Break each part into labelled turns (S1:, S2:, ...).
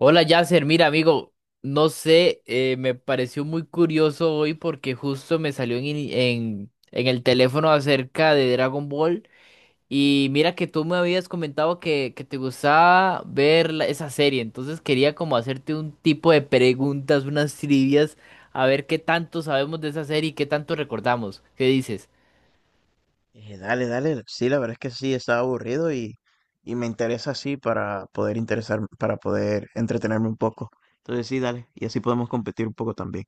S1: Hola Yasser, mira amigo, no sé, me pareció muy curioso hoy porque justo me salió en el teléfono acerca de Dragon Ball y mira que tú me habías comentado que te gustaba ver esa serie, entonces quería como hacerte un tipo de preguntas, unas trivias, a ver qué tanto sabemos de esa serie y qué tanto recordamos. ¿Qué dices?
S2: Dale, dale. Sí, la verdad es que sí, estaba aburrido y me interesa así para poder interesar, para poder entretenerme un poco. Entonces sí, dale. Y así podemos competir un poco también.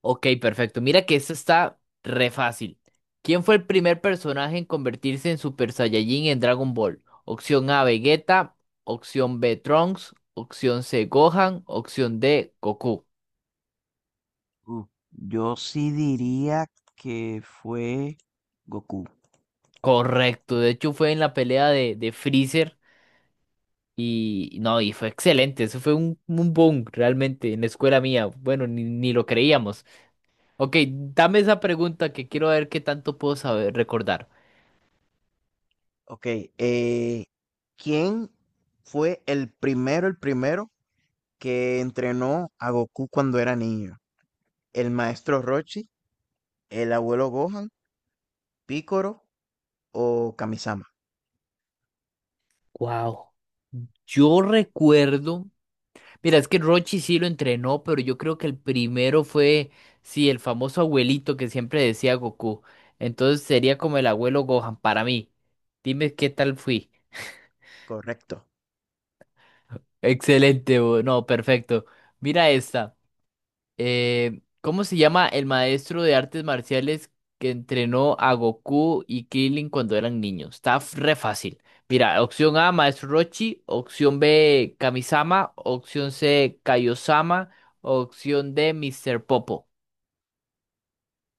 S1: Ok, perfecto. Mira que esto está re fácil. ¿Quién fue el primer personaje en convertirse en Super Saiyajin en Dragon Ball? Opción A, Vegeta. Opción B, Trunks. Opción C, Gohan. Opción D, Goku.
S2: Yo sí diría que fue Goku.
S1: Correcto. De hecho, fue en la pelea de Freezer. Y no, y fue excelente. Eso fue un boom realmente en la escuela mía. Bueno, ni lo creíamos. Ok, dame esa pregunta que quiero ver qué tanto puedo saber recordar.
S2: Ok, eh, ¿quién fue el primero que entrenó a Goku cuando era niño? ¿El maestro Roshi, el abuelo Gohan, Picoro o Kamisama?
S1: Wow. Yo recuerdo. Mira, es que Rochi sí lo entrenó, pero yo creo que el primero fue, sí, el famoso abuelito que siempre decía Goku. Entonces sería como el abuelo Gohan para mí. Dime qué tal fui.
S2: Correcto.
S1: Excelente, no, perfecto. Mira esta. ¿Cómo se llama el maestro de artes marciales que entrenó a Goku y Krillin cuando eran niños? Está re fácil. Mira, opción A, Maestro Rochi, opción B, Kamisama, opción C, Kaiosama, opción D, Mr. Popo.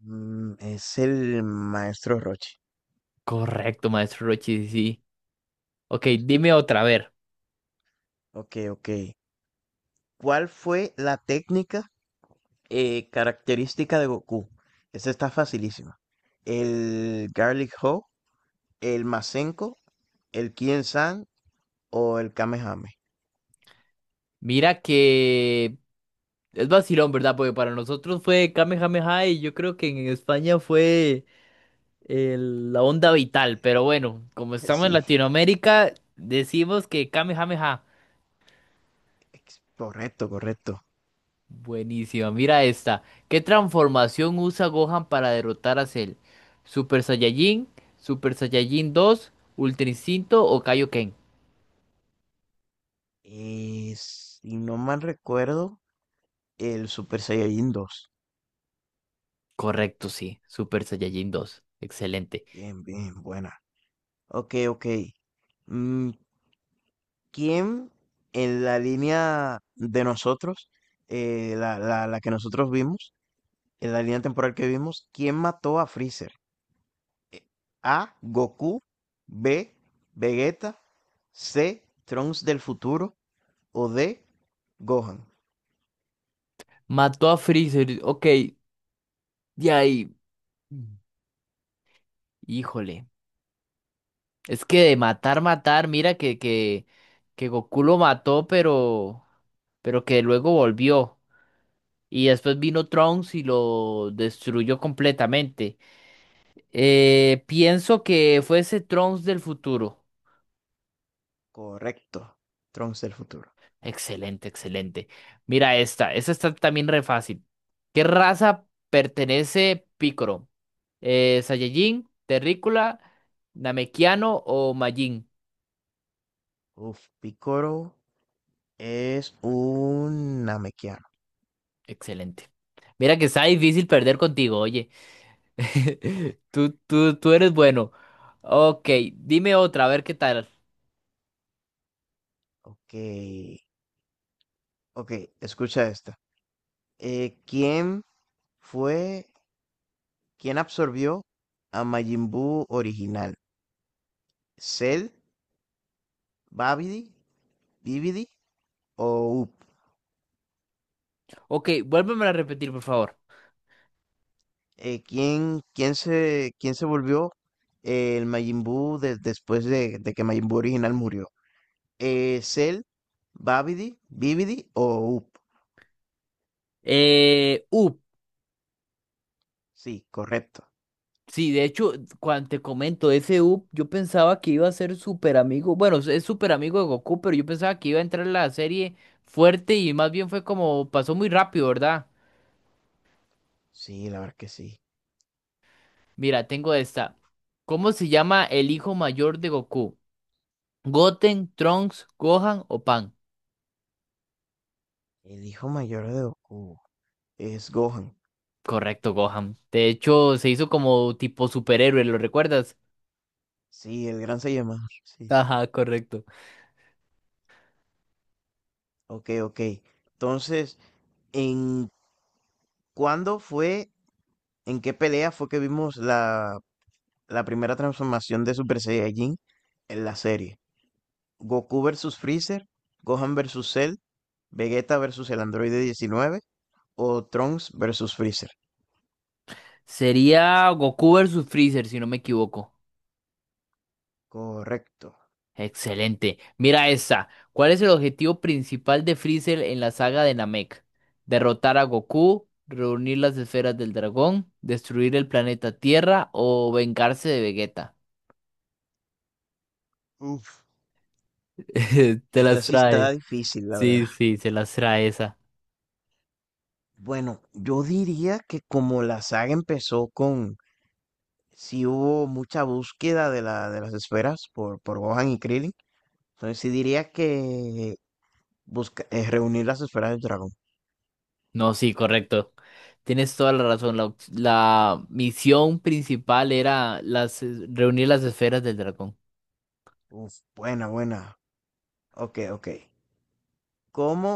S2: Es el maestro Roshi.
S1: Correcto, Maestro Rochi, sí. Sí. Ok, dime otra, a ver.
S2: Ok, ok. ¿Cuál fue la técnica característica de Goku? Esa está facilísima. ¿El Garlic Ho, el Masenko, el Kien San o el Kamehame?
S1: Mira que es vacilón, ¿verdad? Porque para nosotros fue Kamehameha y yo creo que en España fue la onda vital, pero bueno, como estamos en
S2: Sí,
S1: Latinoamérica, decimos que Kamehameha.
S2: correcto, correcto.
S1: Buenísima, mira esta. ¿Qué transformación usa Gohan para derrotar a Cell? ¿Super Saiyajin, Super Saiyajin 2 Ultra Instinto o Kaioken?
S2: Si no mal recuerdo, el Super Saiyajin 2.
S1: Correcto, sí, Super Saiyajin 2. Excelente.
S2: Bien, bien, buena. Ok, ok. Mm, ¿Quién en la línea de nosotros, la que nosotros vimos, en la línea temporal que vimos, quién mató a Freezer? A, Goku; B, Vegeta; C, Trunks del futuro; o D, Gohan.
S1: Mató a Freezer, ok, de ahí. Híjole. Es que de matar, matar, mira que Goku lo mató, pero que luego volvió. Y después vino Trunks y lo destruyó completamente. Pienso que fue ese Trunks del futuro.
S2: Correcto, Trunks del futuro.
S1: Excelente, excelente. Mira esta, esta está también re fácil. ¿Qué raza pertenece Piccolo? ¿Saiyajin, Terrícola, Namekiano o Majin?
S2: Uf, Picoro es un Namekiano.
S1: Excelente. Mira que está difícil perder contigo, oye. Tú eres bueno. Ok, dime otra, a ver qué tal.
S2: Ok, ok, escucha esta. ¿Quién fue quien absorbió a Majin Buu original? ¿Cell, Babidi, Bibidi o Up?
S1: Ok, vuélveme a repetir, por favor.
S2: ¿Quién se volvió el Majin Buu después de que Majin Buu original murió? ¿Cell, Babidi, Bibidi o Up?
S1: Up.
S2: Sí, correcto.
S1: Sí, de hecho, cuando te comento ese up, yo pensaba que iba a ser súper amigo. Bueno, es súper amigo de Goku, pero yo pensaba que iba a entrar en la serie fuerte y más bien fue como pasó muy rápido, ¿verdad?
S2: Sí, la verdad que sí.
S1: Mira, tengo esta. ¿Cómo se llama el hijo mayor de Goku? ¿Goten, Trunks, Gohan o Pan?
S2: El hijo mayor de Goku es Gohan.
S1: Correcto, Gohan. De hecho, se hizo como tipo superhéroe, ¿lo recuerdas?
S2: Sí, el gran Saiyaman. Sí.
S1: Ajá, correcto.
S2: Ok, ok. Entonces, ¿en cuándo fue ¿en qué pelea fue que vimos la primera transformación de Super Saiyajin en la serie? ¿Goku versus Freezer, Gohan versus Cell, Vegeta versus el androide 19 o Trunks versus Freezer?
S1: Sería Goku versus Freezer, si no me equivoco.
S2: Correcto.
S1: Excelente. Mira esta. ¿Cuál es el objetivo principal de Freezer en la saga de Namek? ¿Derrotar a Goku, reunir las esferas del dragón, destruir el planeta Tierra o vengarse de Vegeta?
S2: Uf,
S1: Te
S2: esta
S1: las
S2: sí está
S1: trae.
S2: difícil, la verdad.
S1: Sí, sí, se las trae esa.
S2: Bueno, yo diría que como la saga empezó sí hubo mucha búsqueda de de las esferas por Gohan y Krillin, entonces sí diría que busca, reunir las esferas del dragón.
S1: No, sí, correcto. Tienes toda la razón. La, la misión principal era las, reunir las esferas del dragón.
S2: Uf, buena, buena. Ok, ok. ¿Cómo,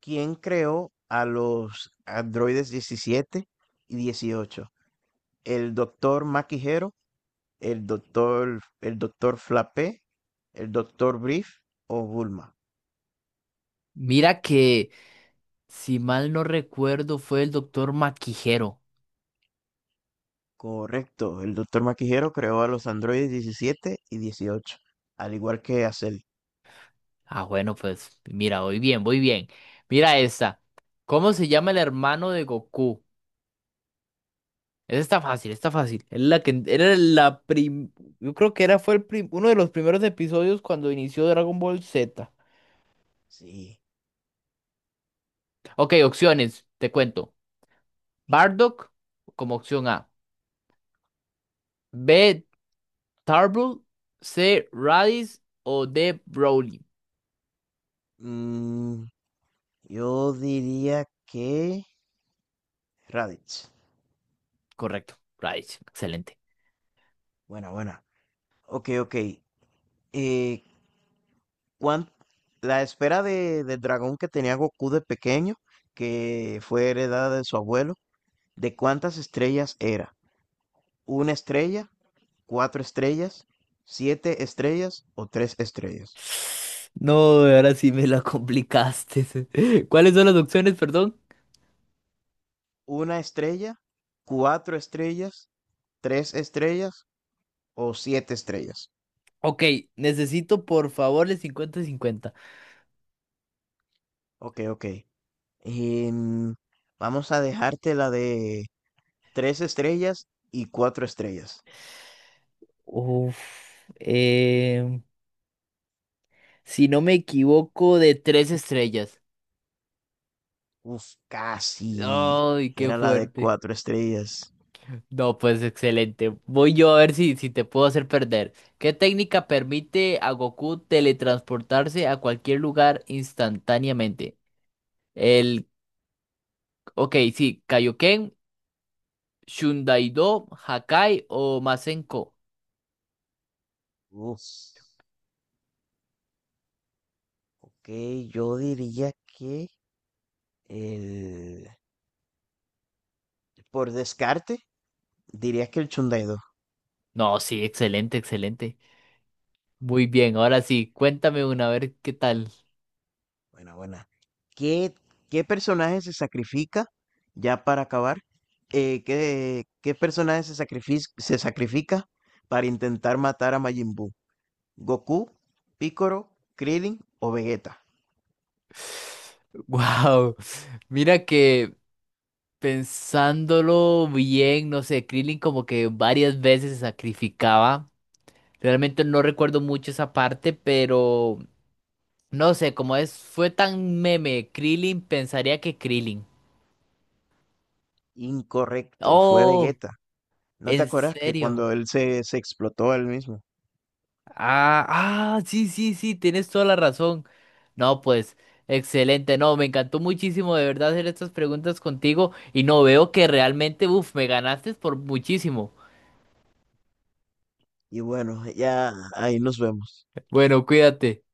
S2: ¿quién creó a los androides 17 y 18? ¿El doctor Maquijero, el doctor Flapé, el doctor Brief o Bulma?
S1: Mira que, si mal no recuerdo, fue el doctor Maquijero.
S2: Correcto, el doctor Maquijero creó a los androides 17 y 18 al igual que a Cell.
S1: Ah, bueno, pues mira, voy bien, voy bien. Mira esta. ¿Cómo se llama el hermano de Goku? Esa está fácil, está fácil. Es la que era la prim, yo creo que era fue el uno de los primeros episodios cuando inició Dragon Ball Z.
S2: Sí.
S1: Ok, opciones, te cuento. Bardock como opción A. B. Tarbell, C. Radish o D. Broly.
S2: Mm, yo diría que Raditz.
S1: Correcto, Radish. Excelente.
S2: Buena, buena. Ok, ok. Eh, One, la esfera del dragón que tenía Goku de pequeño, que fue heredada de su abuelo, ¿de cuántas estrellas era? ¿Una estrella, cuatro estrellas, siete estrellas o tres estrellas?
S1: No, ahora sí me la complicaste. ¿Cuáles son las opciones, perdón?
S2: ¿Una estrella, cuatro estrellas, tres estrellas o siete estrellas?
S1: Ok, necesito por favor el 50 y 50.
S2: Ok, ok. Em, Vamos a dejarte la de tres estrellas y cuatro estrellas.
S1: Uf, em, si no me equivoco, de 3 estrellas.
S2: Uf, casi.
S1: Ay, qué
S2: Era la de
S1: fuerte.
S2: cuatro estrellas.
S1: No, pues excelente. Voy yo a ver si, si te puedo hacer perder. ¿Qué técnica permite a Goku teletransportarse a cualquier lugar instantáneamente? El, ok, sí, Kaioken, Shundaido, Hakai o Masenko.
S2: Uf, ok, yo diría que el... por descarte, diría que el Chundaido.
S1: No, sí, excelente, excelente. Muy bien, ahora sí, cuéntame una, a ver qué tal.
S2: Buena, buena. ¿Qué, qué personaje se sacrifica, ya para acabar? ¿Qué personaje se sacrifica, para intentar matar a Majin Buu? ¿Goku, Piccolo, Krillin o Vegeta?
S1: Wow, mira que pensándolo bien, no sé, Krillin como que varias veces se sacrificaba. Realmente no recuerdo mucho esa parte, pero no sé, como es, fue tan meme, Krillin, pensaría que Krillin.
S2: Incorrecto, fue
S1: Oh,
S2: Vegeta. ¿No te
S1: ¿en
S2: acuerdas que
S1: serio?
S2: cuando se explotó a él mismo?
S1: Ah, ah, sí, sí, sí, tienes toda la razón. No, pues, excelente, no, me encantó muchísimo de verdad hacer estas preguntas contigo y no veo que realmente, uff, me ganaste por muchísimo.
S2: Y bueno, ya ahí nos vemos.
S1: Bueno, cuídate.